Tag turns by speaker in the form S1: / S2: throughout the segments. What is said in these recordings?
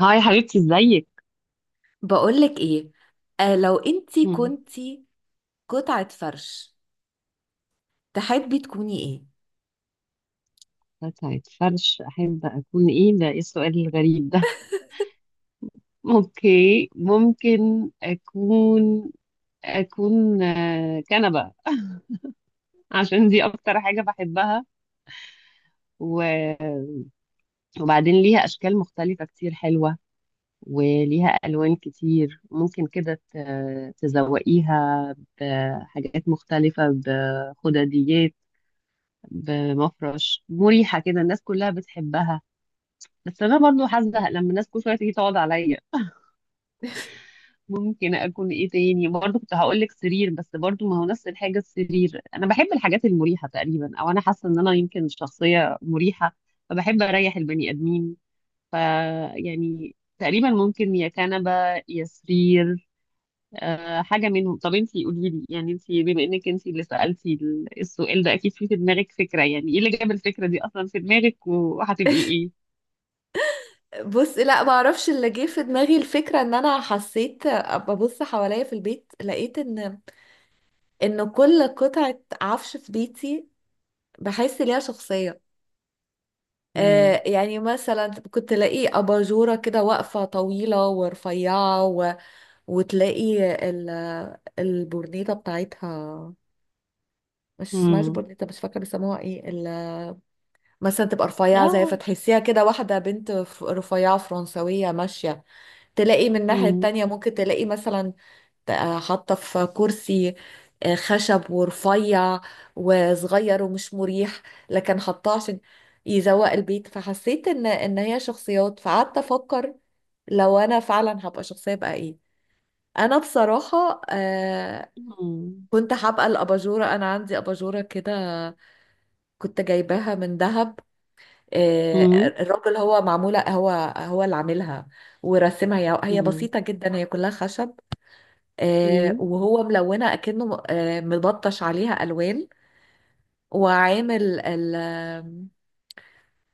S1: هاي حبيبتي، ازيك؟
S2: بقولك ايه؟ لو انتي
S1: مم.
S2: كنتي قطعة فرش، تحبي تكوني ايه؟
S1: قطعة فرش أحب أكون؟ إيه ده، إيه السؤال الغريب ده؟ أوكي ممكن أكون كنبة. عشان دي أكتر حاجة بحبها، و- وبعدين ليها أشكال مختلفة كتير حلوة، وليها ألوان كتير ممكن كده تزوقيها بحاجات مختلفة، بخدديات، بمفرش مريحة كده. الناس كلها بتحبها، بس انا برضو حاسه لما الناس كل شويه تيجي تقعد عليا. ممكن اكون ايه تاني؟ برضو كنت هقول لك سرير، بس برضو ما هو نفس الحاجه. السرير انا بحب الحاجات المريحه تقريبا، او انا حاسه ان انا يمكن شخصيه مريحه فبحب اريح البني ادمين. ف يعني تقريبا ممكن يا كنبه يا سرير. أه، حاجه منهم. طب انتي قولي لي، يعني انتي بما انك انتي اللي سالتي السؤال ده، اكيد في دماغك فكره. يعني ايه اللي جاب الفكره دي اصلا في دماغك، وهتبقي ايه؟
S2: بص، لا، معرفش اللي جه في دماغي. الفكرة ان انا حسيت، ببص حواليا في البيت، لقيت ان كل قطعة عفش في بيتي بحس ليها شخصية.
S1: امم.
S2: يعني مثلا كنت تلاقي أباجورة كده واقفة طويلة ورفيعة وتلاقي ال... البورنيطة بتاعتها، مش اسمهاش
S1: امم.
S2: بورنيطة، مش فاكرة بيسموها ايه. مثلا تبقى رفيعة، زي
S1: اه.
S2: فتحسيها كده واحدة بنت رفيعة فرنسوية ماشية. تلاقي من الناحية
S1: مم.
S2: التانية ممكن تلاقي مثلا حاطة في كرسي خشب ورفيع وصغير ومش مريح، لكن حطاه عشان يزوق البيت. فحسيت ان هي شخصيات، فقعدت افكر لو انا فعلا هبقى شخصية بقى ايه. انا بصراحة
S1: مم.
S2: كنت هبقى الاباجورة. انا عندي اباجورة كده كنت جايباها من دهب. آه،
S1: مم.
S2: الراجل هو معمولة، هو اللي عاملها ورسمها. هي
S1: مم.
S2: بسيطة جدا، هي كلها خشب،
S1: مم.
S2: وهو ملونة أكنه مبطش عليها ألوان. وعامل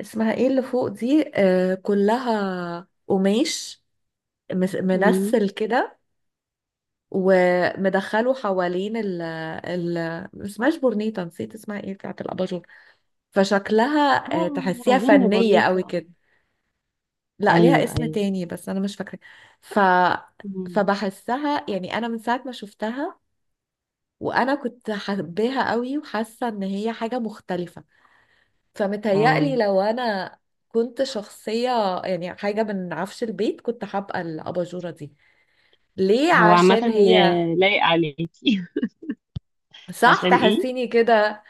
S2: اسمها ايه اللي فوق دي، كلها قماش،
S1: مم.
S2: منسل كده، ومدخله حوالين ال ال ما اسمهاش بورنيطة، نسيت اسمها ايه بتاعت الأباجور. فشكلها،
S1: آه،
S2: تحسيها
S1: أظن
S2: فنية
S1: بورنيتا.
S2: قوي
S1: آه.
S2: كده. لا، ليها
S1: أيوه،
S2: اسم
S1: أيوه.
S2: تاني بس انا مش فاكره. ف
S1: مم.
S2: فبحسها يعني، انا من ساعه ما شفتها، وانا كنت حباها قوي وحاسه ان هي حاجه مختلفه. فمتهيألي
S1: اه.
S2: لو انا كنت شخصيه، يعني حاجه من عفش البيت، كنت هبقى الاباجوره دي. ليه؟
S1: هو عامة
S2: عشان هي،
S1: لايق عليكي.
S2: صح،
S1: عشان إيه؟
S2: تحسيني كده.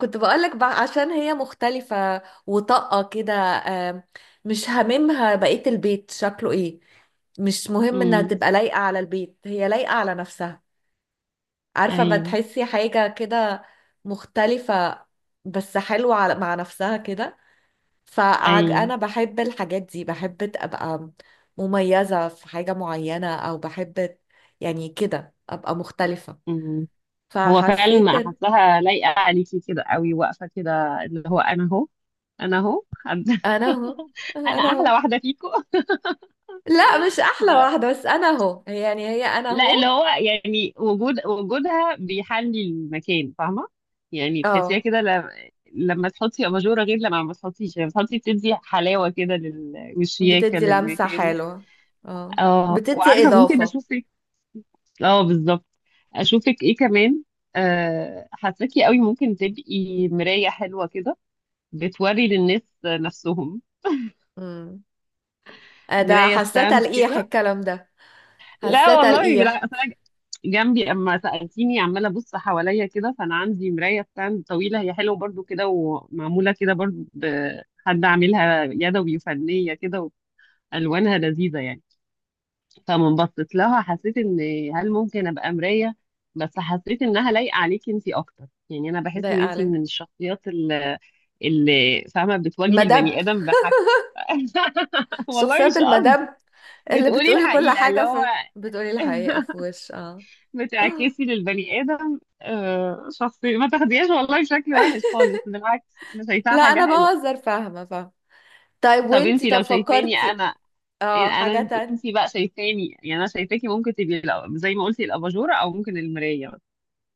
S2: كنت بقولك بقى عشان هي مختلفة وطاقة كده، مش هاممها بقية البيت شكله ايه. مش مهم انها
S1: مم.
S2: تبقى لايقة على البيت، هي لايقة على نفسها. عارفة، ما
S1: أيوه،
S2: تحسي حاجة كده مختلفة بس حلوة مع نفسها كده.
S1: أيوه.
S2: فأنا بحب الحاجات دي، بحب أبقى مميزة في حاجة معينة، أو بحب يعني كده أبقى مختلفة.
S1: مم. هو فعلا
S2: فحسيت.
S1: ما حاساها لايقة عليكي كده قوي، واقفة كده اللي هو أنا أهو. أنا أهو حد.
S2: انا اهو،
S1: أنا
S2: انا
S1: أحلى
S2: اهو.
S1: واحدة فيكم.
S2: لا، مش احلى
S1: لا.
S2: واحده، بس انا اهو، هي يعني هي، انا
S1: لا، اللي
S2: اهو.
S1: هو يعني وجودها بيحلي المكان، فاهمه؟ يعني تحسيها
S2: اه،
S1: كده لما تحطي اباجوره غير لما ما تحطيش. لما تحطي بتدي حلاوه كده والشياكه
S2: بتدي لمسه
S1: للمكان.
S2: حلوه. اه،
S1: اه،
S2: بتدي
S1: وعارفه ممكن
S2: اضافه.
S1: اشوفك. اه، بالظبط. اشوفك ايه كمان؟ حاساكي قوي ممكن تبقي مرايه حلوه كده، بتوري للناس نفسهم.
S2: امم ده
S1: مرايه
S2: حاساه
S1: ستاند
S2: تلقيح
S1: كده.
S2: الكلام ده،
S1: لا
S2: حاساه
S1: والله،
S2: تلقيح.
S1: بالعكس، أصل أنا جنبي اما سالتيني عماله ابص حواليا كده، فانا عندي مرايه ستاند طويله، هي حلوه برضو كده، ومعموله كده برضو بحد عاملها يدوي، وفنيه كده، والوانها لذيذه يعني. فمن بصيت لها حسيت ان، هل ممكن ابقى مرايه؟ بس حسيت انها لايقه عليكي انتي اكتر. يعني انا
S2: ده
S1: بحس ان انتي
S2: علي
S1: من الشخصيات اللي فاهمه بتواجهي
S2: مدب،
S1: البني ادم بحاجته. والله
S2: شخصيات
S1: مش قصدي.
S2: المدب، اللي
S1: بتقولي
S2: بتقولي كل
S1: الحقيقه اللي
S2: حاجه
S1: هو
S2: في، بتقولي الحقيقه في وش. اه.
S1: بتعكسي للبني آدم شخصية. ما تاخديهاش والله شكل وحش خالص، بالعكس أنا شايفاها
S2: لا، انا
S1: حاجة حلوة.
S2: بهزر، فاهمه فاهمه. طيب،
S1: طب
S2: وانتي
S1: انتي
S2: طب
S1: لو شايفاني
S2: فكرتي
S1: أنا،
S2: اه حاجه
S1: أنا
S2: تانية؟
S1: انتي بقى شايفاني؟ يعني أنا شايفاكي ممكن تبقي زي ما قلتي الأباجورة، أو ممكن المراية. بس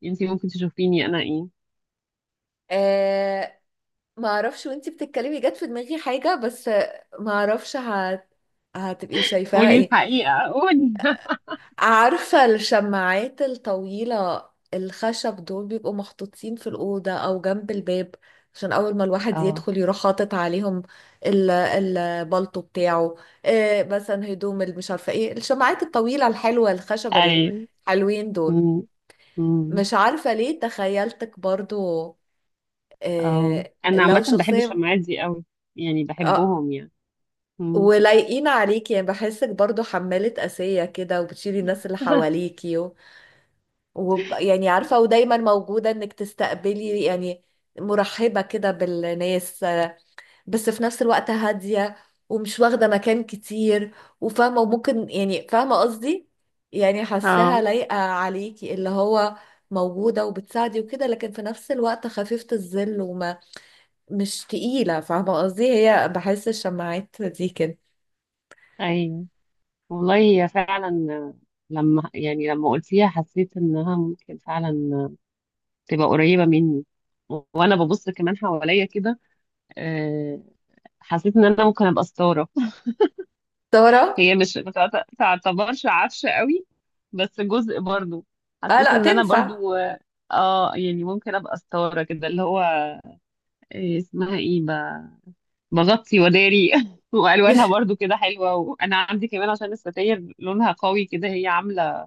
S1: انتي ممكن تشوفيني أنا إيه؟
S2: آه ما اعرفش، وانتي بتتكلمي جت في دماغي حاجة، بس ما اعرفش هتبقي شايفاها
S1: قولي
S2: ايه.
S1: الحقيقة، قولي.
S2: عارفة الشماعات الطويلة الخشب دول بيبقوا محطوطين في الأوضة أو جنب الباب، عشان أول ما الواحد
S1: اه،
S2: يدخل يروح حاطط عليهم البلطو بتاعه، إيه مثلا هدوم، اللي مش عارفة ايه، الشماعات الطويلة الحلوة الخشب
S1: أيوة.
S2: الحلوين دول.
S1: أمم، أمم،
S2: مش عارفة ليه تخيلتك برضو
S1: اه.
S2: إيه
S1: أنا
S2: لو
S1: عامة بحب
S2: شخصية.
S1: الشماعات دي أوي، يعني بحبهم يعني. أمم.
S2: ولايقين عليكي، يعني بحسك برضو حمالة قاسية كده، وبتشيلي الناس اللي حواليكي يعني عارفة، ودايما موجودة انك تستقبلي يعني، مرحبة كده بالناس، بس في نفس الوقت هادية، ومش واخدة مكان كتير، وفاهمة، وممكن، يعني فاهمة قصدي، يعني حاساها
S1: اه،
S2: لايقة عليكي، اللي هو موجودة وبتساعدي وكده، لكن في نفس الوقت خفيفة الظل، مش تقيلة، فاهمة قصدي. هي بحس الشماعات دي كده.
S1: أيوه. والله هي فعلا، لما قلتيها حسيت انها ممكن فعلا تبقى قريبة مني. وانا ببص كمان حواليا كده، آه، حسيت ان انا ممكن ابقى ستارة.
S2: ترى.
S1: هي مش ما تعت- تعتبرش عفشة قوي، بس جزء برضو.
S2: اه،
S1: حسيت
S2: لا
S1: ان انا
S2: تنفع.
S1: برضو يعني ممكن ابقى ستارة كده، اللي هو اسمها ايه، بغطي وداري. والوانها برضو كده حلوة، وانا عندي كمان، عشان الستاير لونها قوي كده، هي عاملة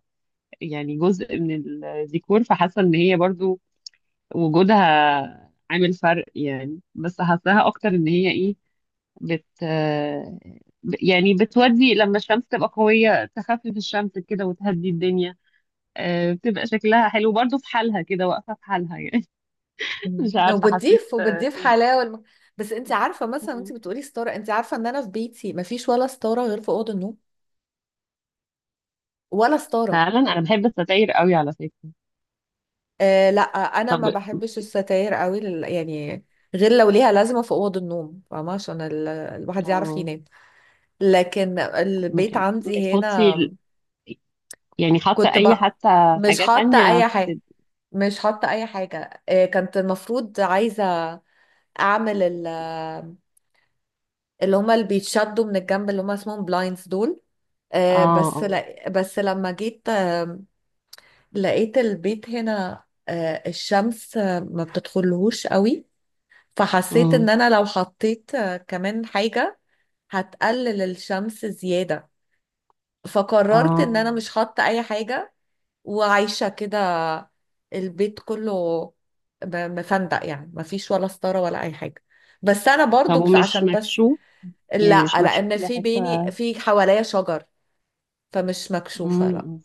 S1: يعني جزء من الديكور. فحاسه ان هي برضو وجودها عامل فرق يعني، بس حاساها اكتر ان هي ايه، بت آه، يعني بتودي لما الشمس تبقى قويه تخفف الشمس كده وتهدي الدنيا. بتبقى شكلها حلو برضو في حالها كده، واقفه في حالها يعني. مش
S2: مم.
S1: عارفه حسيت
S2: وبتضيف وبتضيف حلاوه بس انت عارفه مثلا، انت
S1: مم.
S2: بتقولي ستاره، انت عارفه ان انا في بيتي مفيش ولا ستاره غير في اوضه النوم، ولا ستاره.
S1: فعلا انا بحب الستاير قوي على فكره.
S2: لا، انا
S1: طب
S2: ما بحبش الستاير قوي يعني، غير لو ليها لازمه في اوضه النوم، فاهمه، عشان الواحد يعرف
S1: آه،
S2: ينام. لكن البيت عندي
S1: بتحطي
S2: هنا،
S1: يعني، حاطه
S2: كنت
S1: اي
S2: بقى
S1: حتى
S2: مش
S1: حاجات
S2: حاطه
S1: تانية
S2: اي حاجه، مش حاطه اي حاجه. كنت المفروض عايزه اعمل اللي هما اللي بيتشدوا من الجنب، اللي هما اسمهم بلايندز دول. بس
S1: اه،
S2: لا، بس لما جيت لقيت البيت هنا، الشمس ما بتدخلهوش قوي، فحسيت ان
S1: اه،
S2: انا لو حطيت كمان حاجة هتقلل الشمس زيادة، فقررت ان انا
S1: اه.
S2: مش حاطة اي حاجة، وعايشة كده البيت كله مفندق، يعني مفيش ولا ستارة ولا اي حاجة. بس انا
S1: طب
S2: برضو، بس
S1: ومش
S2: عشان بس،
S1: مكشوف؟ يعني
S2: لا،
S1: مش مكشوف
S2: لان
S1: إلى
S2: في بيني،
S1: حتة؟
S2: في حواليا شجر، فمش
S1: مم،
S2: مكشوفة، لا.
S1: مم.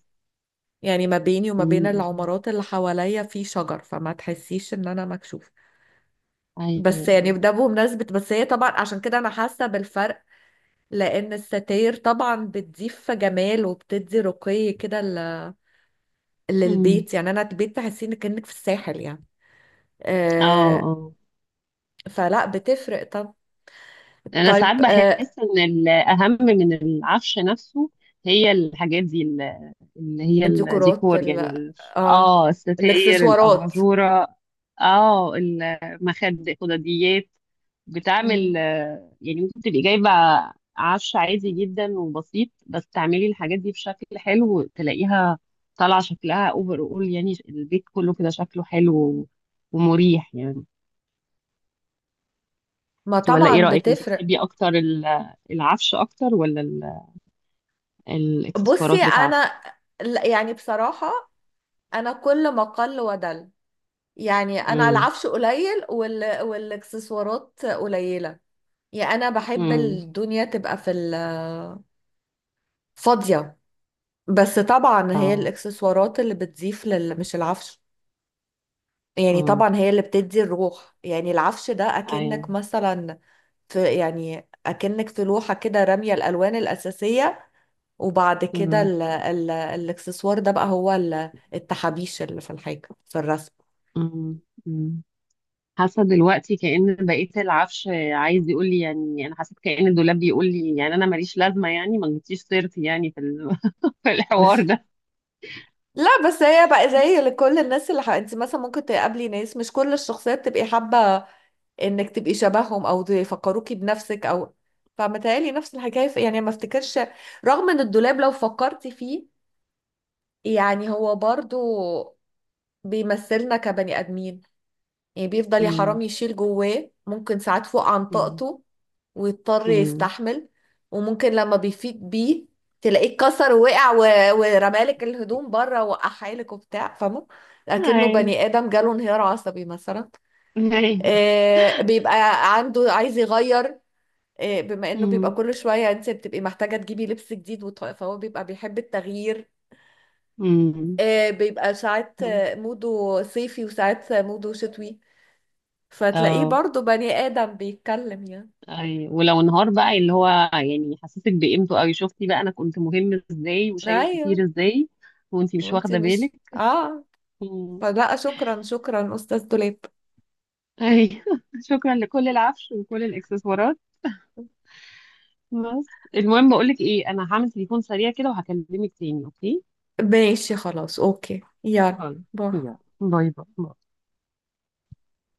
S2: يعني ما بيني وما بين
S1: مم.
S2: العمارات اللي حواليا في شجر، فما تحسيش ان انا مكشوفة.
S1: أيوه،
S2: بس يعني
S1: أيوه.
S2: ده بمناسبة، بس هي طبعا عشان كده انا حاسة بالفرق، لان الستاير طبعا بتضيف جمال، وبتدي رقي كده
S1: مم.
S2: للبيت، يعني انا البيت تحسي انك كأنك في الساحل يعني.
S1: اه،
S2: آه
S1: اه.
S2: فلا بتفرق. طب،
S1: انا
S2: طيب.
S1: ساعات بحس ان الاهم من العفش نفسه هي الحاجات دي اللي هي
S2: الديكورات
S1: الديكور. يعني
S2: اه،
S1: اه الستاير،
S2: الاكسسوارات.
S1: الاباجوره، اه، المخد، الخدديات، بتعمل
S2: مم.
S1: يعني. ممكن تبقي جايبه عفش عادي جدا وبسيط، بس تعملي الحاجات دي بشكل حلو تلاقيها طالعه شكلها اوفر اول، يعني البيت كله كده شكله حلو ومريح يعني.
S2: ما
S1: ولا
S2: طبعا
S1: ايه رأيك انت،
S2: بتفرق.
S1: بتحبي اكتر العفش اكتر، ولا
S2: بصي
S1: الاكسسوارات بتاعته؟
S2: انا، لا، يعني بصراحة انا كل ما قل ودل. يعني انا
S1: امم،
S2: العفش قليل، والاكسسوارات قليلة، يعني انا بحب
S1: امم.
S2: الدنيا تبقى في فاضية. بس طبعا هي
S1: اه.
S2: الاكسسوارات اللي بتضيف مش العفش، يعني
S1: امم.
S2: طبعا هي اللي بتدي الروح، يعني العفش ده
S1: ايوه.
S2: اكنك مثلا في، يعني اكنك في لوحة كده رامية الالوان الاساسية، وبعد كده
S1: امم،
S2: ال ال الاكسسوار ده بقى هو التحابيش اللي في الحاجة، في الرسم.
S1: امم. أمم. حاسه دلوقتي كأن بقيت العفش عايز يقول لي، يعني انا حسيت كأن الدولاب بيقول لي يعني انا ماليش لازمه، يعني ما جبتيش سيرتي يعني في في الحوار ده.
S2: لا، بس هي بقى زي لكل الناس اللي انت مثلا ممكن تقابلي ناس، مش كل الشخصيات تبقي حابة انك تبقي شبههم، او يفكروكي بنفسك او. فمتهيألي نفس الحكاية يعني ما افتكرش، رغم ان الدولاب لو فكرتي فيه، يعني هو برضو بيمثلنا كبني ادمين، يعني بيفضل يا حرام
S1: امم،
S2: يشيل جواه ممكن ساعات فوق عن
S1: امم،
S2: طاقته، ويضطر
S1: امم.
S2: يستحمل. وممكن لما بيفيد بيه تلاقيه اتكسر ووقع ورمالك الهدوم بره وقحالك وبتاع، فاهمه. لكنه
S1: ايوه،
S2: بني ادم جاله انهيار عصبي مثلا.
S1: ايوه.
S2: بيبقى عنده عايز يغير، بما انه بيبقى
S1: امم،
S2: كل شويه انت بتبقي محتاجه تجيبي لبس جديد، فهو بيبقى بيحب التغيير.
S1: امم.
S2: بيبقى ساعات موده صيفي، وساعات موده شتوي، فتلاقيه
S1: اه.
S2: برضو بني ادم بيتكلم يعني.
S1: أي، ولو انهار بقى اللي هو، يعني يحسسك بقيمته قوي، شفتي بقى انا كنت مهم ازاي، وشايل
S2: ايوه،
S1: كتير ازاي، وانتي مش
S2: وانت
S1: واخده
S2: مش.
S1: بالك.
S2: اه.
S1: مم.
S2: فلا، شكرا شكرا أستاذ دولاب.
S1: اي شكرا لكل العفش، وكل الاكسسوارات. بس المهم بقول لك ايه، انا هعمل تليفون سريع كده وهكلمك تاني، اوكي؟
S2: ماشي، خلاص، أوكي، يلا،
S1: خلاص.
S2: باي.
S1: يلا باي. باي.